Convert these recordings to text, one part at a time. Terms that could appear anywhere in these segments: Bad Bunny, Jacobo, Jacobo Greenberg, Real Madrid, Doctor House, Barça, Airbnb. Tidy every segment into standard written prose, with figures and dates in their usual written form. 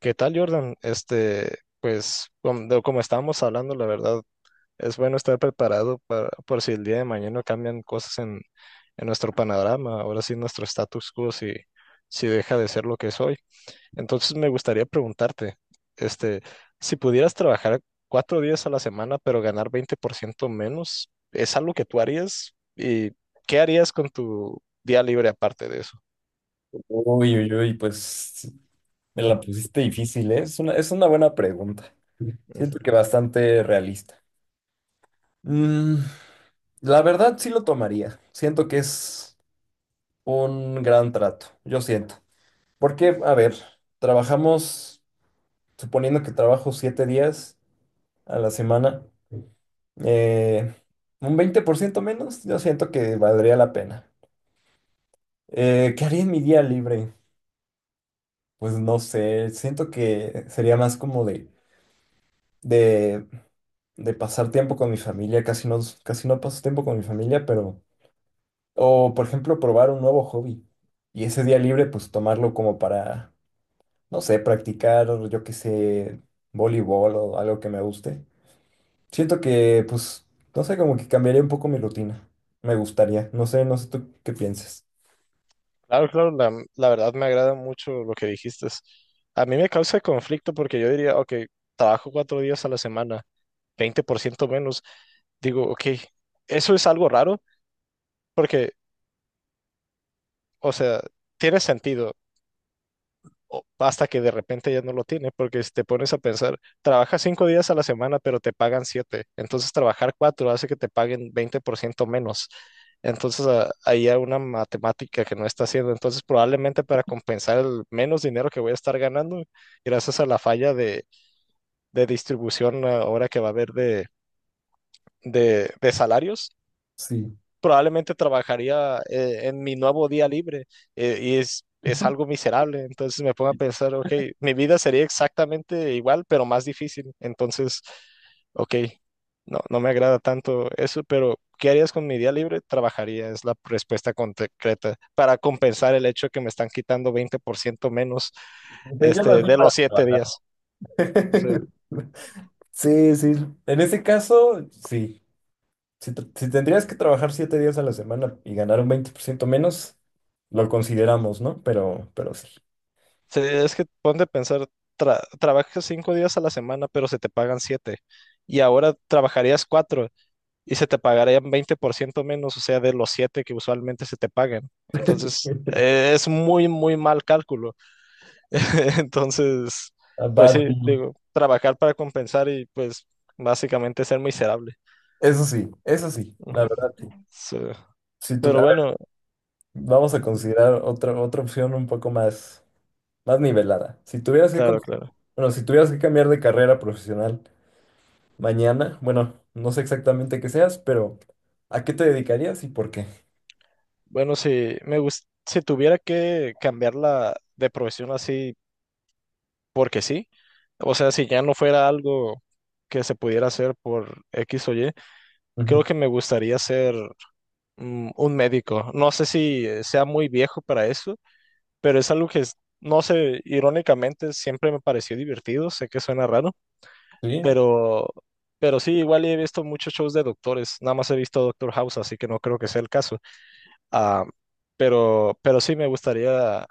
¿Qué tal, Jordan? Pues, como, estábamos hablando, la verdad, es bueno estar preparado, para, por si el día de mañana cambian cosas en nuestro panorama, ahora sí, nuestro status quo, si deja de ser lo que es hoy. Entonces, me gustaría preguntarte, este, si pudieras trabajar 4 días a la semana, pero ganar 20% menos, ¿es algo que tú harías? ¿Y qué harías con tu día libre aparte de eso? Uy, uy, uy, pues me la pusiste difícil, ¿eh? Es una buena pregunta. Siento que bastante realista. Mm, la verdad sí lo tomaría. Siento que es un gran trato, yo siento. Porque, a ver, trabajamos, suponiendo que trabajo 7 días a la semana, eh, un 20% menos, yo siento que valdría la pena. ¿qué haría en mi día libre? Pues no sé, siento que sería más como de de pasar tiempo con mi familia, casi no paso tiempo con mi familia, pero, o por ejemplo, probar un nuevo hobby y ese día libre, pues tomarlo como para, no sé, practicar, yo qué sé, voleibol o algo que me guste. Siento que, pues, no sé, como que cambiaría un poco mi rutina. Me gustaría, no sé, no sé tú qué pienses. Claro, claro, la verdad me agrada mucho lo que dijiste. A mí me causa conflicto porque yo diría, ok, trabajo 4 días a la semana, 20% menos. Digo, ok, eso es algo raro porque, o sea, tiene sentido. Hasta que de repente ya no lo tiene, porque si te pones a pensar, trabajas 5 días a la semana, pero te pagan siete, entonces trabajar cuatro hace que te paguen 20% menos. Entonces, ahí hay una matemática que no está haciendo. Entonces, probablemente para compensar el menos dinero que voy a estar ganando, gracias a la falla de, distribución, ahora que va a haber de salarios, Sí. probablemente trabajaría en mi nuevo día libre, y es algo miserable. Entonces me pongo a pensar, ok, mi vida sería exactamente igual, pero más difícil. Entonces, ok, no, no me agrada tanto eso, pero ¿qué harías con mi día libre? Trabajaría, es la respuesta concreta para compensar el hecho que me están quitando 20% menos, Pero yo lo hacía de los para siete trabajar. días. Sí, sí. En ese caso, sí. Si tendrías que trabajar 7 días a la semana y ganar un 20% menos, lo consideramos, ¿no? Pero sí. Sí, es que ponte a pensar, trabajas 5 días a la semana, pero se te pagan siete. Y ahora trabajarías cuatro y se te pagarían 20% menos, o sea, de los siete que usualmente se te pagan. Entonces, es muy, muy mal cálculo. Entonces, A pues Bad sí, Bunny. digo, trabajar para compensar y pues básicamente ser miserable. Eso sí, la Ujú. verdad sí. Sí. Si tu- Pero A ver, bueno, vamos a considerar otra opción un poco más nivelada. Si tuvieras que, con- claro, claro. bueno, si tuvieras que cambiar de carrera profesional mañana, bueno, no sé exactamente qué seas, pero ¿a qué te dedicarías y por qué? Bueno, si tuviera que cambiarla de profesión así porque sí. O sea, si ya no fuera algo que se pudiera hacer por X o Y, Ujú. creo que me gustaría ser un médico. No sé si sea muy viejo para eso, pero es algo que, no sé, irónicamente siempre me pareció divertido. Sé que suena raro, Sí, pero, sí, igual he visto muchos shows de doctores. Nada más he visto Doctor House, así que no creo que sea el caso. Ah, pero, sí me gustaría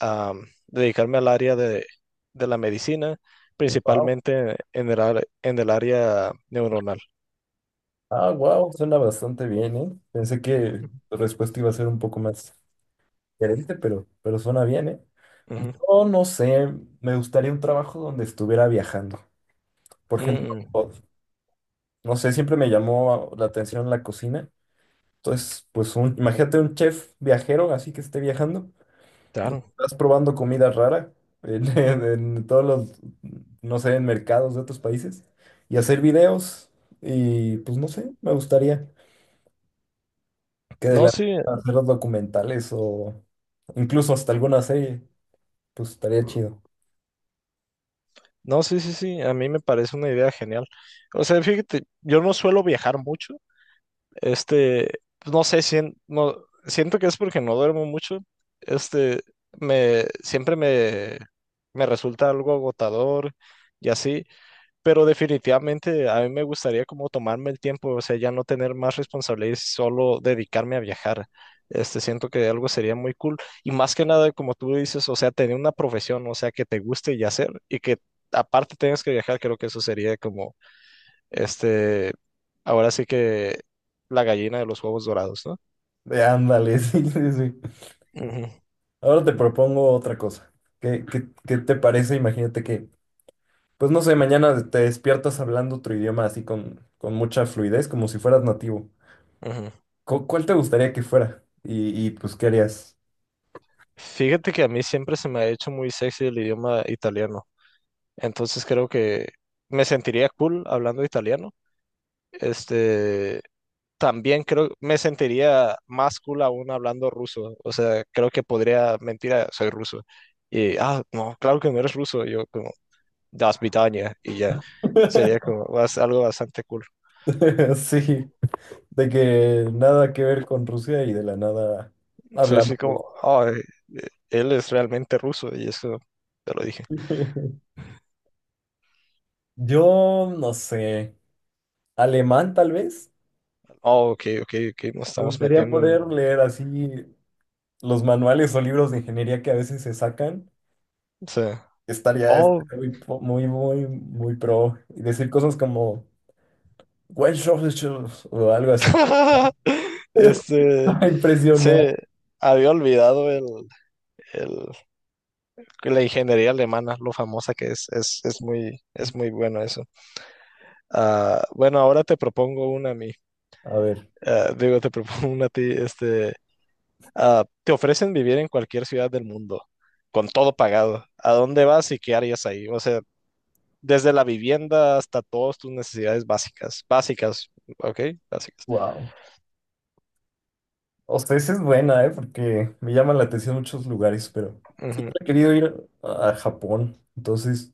a dedicarme al área de, la medicina, wow. principalmente en el área neuronal. Ah, wow, suena bastante bien, ¿eh? Pensé que tu respuesta iba a ser un poco más diferente, pero suena bien, ¿eh? Ujú. Yo no sé, me gustaría un trabajo donde estuviera viajando. Por ejemplo, Mm, no sé, siempre me llamó la atención la cocina. Entonces, pues imagínate un chef viajero, así que esté viajando, claro. estás probando comida rara en, en todos los, no sé, en mercados de otros países y hacer videos y pues no sé, me gustaría que de No, la sí, nada hacer los documentales o incluso hasta alguna serie, pues estaría chido. no, sí, sí, sí, a mí me parece una idea genial. O sea, fíjate, yo no suelo viajar mucho, este, pues, no sé, si no, siento que es porque no duermo mucho, este, siempre me resulta algo agotador y así. Pero definitivamente a mí me gustaría como tomarme el tiempo, o sea, ya no tener más responsabilidades, solo dedicarme a viajar. Siento que algo sería muy cool. Y más que nada, como tú dices, o sea, tener una profesión o sea, que te guste y hacer, y que aparte tengas que viajar, creo que eso sería como, este, ahora sí que, la gallina de los huevos dorados, ¿no? Ándale, sí, sí, sí. Ujú, Ahora te propongo otra cosa. ¿Qué te parece? Imagínate que, pues no sé, mañana te despiertas hablando otro idioma así con mucha fluidez, como si fueras nativo. ujú. ¿Cuál te gustaría que fuera? Y pues, ¿qué harías? Fíjate que a mí siempre se me ha hecho muy sexy el idioma italiano, entonces creo que me sentiría cool hablando italiano. Este, también creo me sentiría más cool aún hablando ruso. O sea, creo que podría mentir, soy ruso. Y, no, claro que no eres ruso. Yo como, das Vidania, y ya. Sería como algo bastante cool. Sí, de que nada que ver con Rusia y de la nada Sí, hablando sí, como, ruso. oh, él es realmente ruso y eso, te lo dije. Yo no sé, alemán tal vez. Oh, ok, ok, ok, nos Me estamos gustaría metiendo en. O poder leer así los manuales o libros de ingeniería que a veces se sacan. sea, Estaría oh, estaría muy, muy, muy pro. Y decir cosas como, "Well, shows, shows", o algo así. este, A sí, Impresionar. había olvidado el, que la ingeniería alemana, lo famosa que es, es muy bueno eso. Bueno, ahora te propongo una a mí. A ver, Digo, te propongo una a ti. Te ofrecen vivir en cualquier ciudad del mundo, con todo pagado. ¿A dónde vas y qué harías ahí? O sea, desde la vivienda hasta todas tus necesidades básicas. Básicas, ¿ok? Básicas. wow. O sea, esa es buena, ¿eh? Porque me llaman la atención muchos lugares, pero Ujú, he querido ir a Japón. Entonces,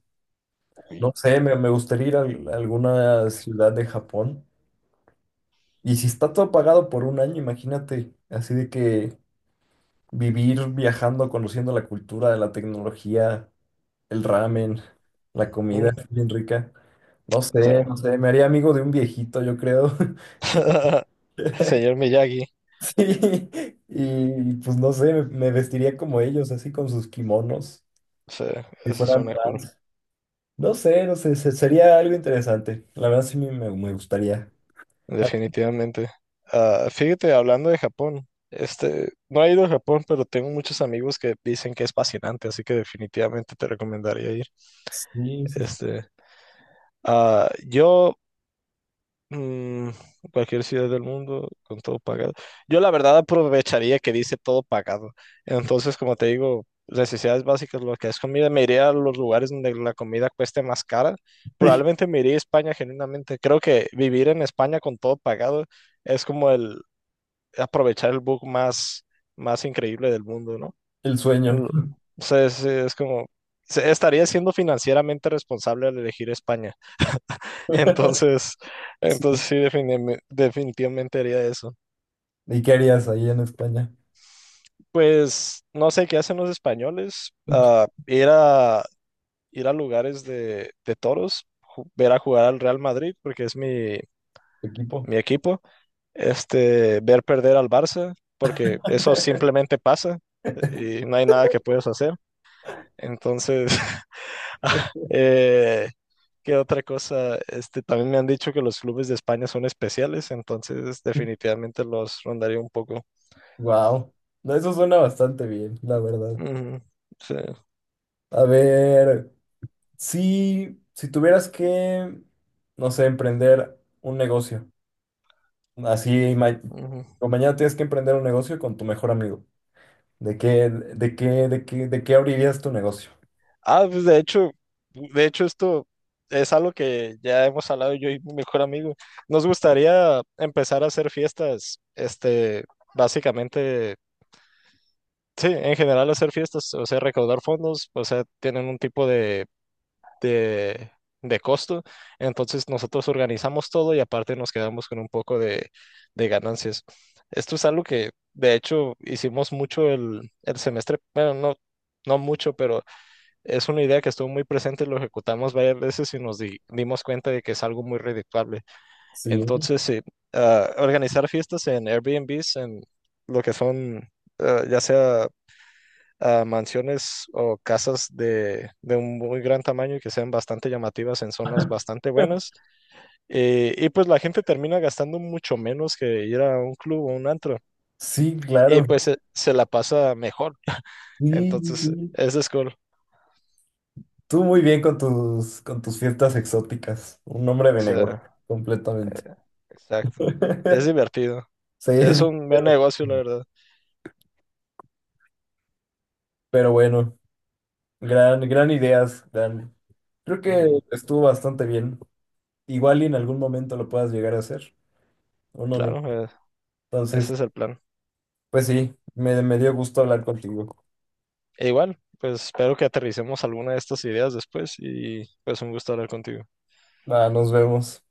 no sé, me gustaría ir a alguna ciudad de Japón. Y si está todo pagado por un año, imagínate, así de que vivir viajando, conociendo la cultura, la tecnología, el ramen, la comida ujú, es bien rica. No sé, no o, sé, me haría amigo de un viejito, yo creo. Señor Miyagi, Sí, y pues no sé, me vestiría como ellos, así con sus kimonos, sí, si eso fueran suena cool. trans. No sé, no sé, sería algo interesante. La verdad sí me gustaría. Ah, Definitivamente. Fíjate, hablando de Japón, no he ido a Japón, pero tengo muchos amigos que dicen que es fascinante, así que definitivamente te recomendaría ir. sí, sí, sí. Este, ah, yo, mm, cualquier ciudad del mundo con todo pagado. Yo la verdad aprovecharía que dice todo pagado. Entonces, como te digo, necesidades básicas, lo que es comida, me iría a los lugares donde la comida cueste más cara. Probablemente me iría a España, genuinamente. Creo que vivir en España con todo pagado es como el aprovechar el bug más, más increíble del mundo, ¿no? El sueño. Lo- o sea, es como, estaría siendo financieramente responsable al elegir España. Entonces, Sí. entonces, sí, definitivamente haría eso. ¿Y qué harías ahí en España? Pues no sé qué hacen los españoles. Ir a lugares de toros, ver a jugar al Real Madrid, porque es mi, ¿Tu equipo? mi equipo. Ver perder al Barça, porque eso simplemente pasa y no hay nada que puedas hacer. Entonces, eh, ¿qué otra cosa? También me han dicho que los clubes de España son especiales, entonces definitivamente los rondaré un poco. Wow. No, eso suena bastante bien, la verdad. Ujú, sí, A ver. Si tuvieras que, no sé, emprender un negocio, así, ujú. o mañana tienes que emprender un negocio con tu mejor amigo, ¿de qué abrirías tu negocio? Pues, de hecho, esto es algo que ya hemos hablado yo y mi mejor amigo. Nos gustaría empezar a hacer fiestas, básicamente, sí, en general hacer fiestas, o sea, recaudar fondos, o sea, tienen un tipo de, de costo. Entonces, nosotros organizamos todo y aparte nos quedamos con un poco de ganancias. Esto es algo que de hecho hicimos mucho el semestre, bueno, no, no mucho, pero es una idea que estuvo muy presente, lo ejecutamos varias veces y nos dimos cuenta de que es algo muy redituable. Sí, Entonces, sí, organizar fiestas en Airbnbs, en lo que son, ya sea a mansiones o casas de un muy gran tamaño y que sean bastante llamativas en zonas bastante buenas. Y pues la gente termina gastando mucho menos que ir a un club o un antro. sí, Y claro, pues se la pasa mejor. sí, sí, Entonces, sí. eso es cool. Tú muy bien con tus, fiestas exóticas, un hombre O de negocio, sea, completamente. exacto. Es divertido. Sí, Es un buen negocio, la verdad. pero bueno, gran ideas, gran. Creo que Ujú, estuvo bastante bien. Igual y en algún momento lo puedas llegar a hacer. No, no, no. claro, Entonces, ese es el plan. pues sí, me dio gusto hablar contigo. E igual, pues espero que aterricemos alguna de estas ideas después y pues, un gusto hablar contigo. Va, nos vemos.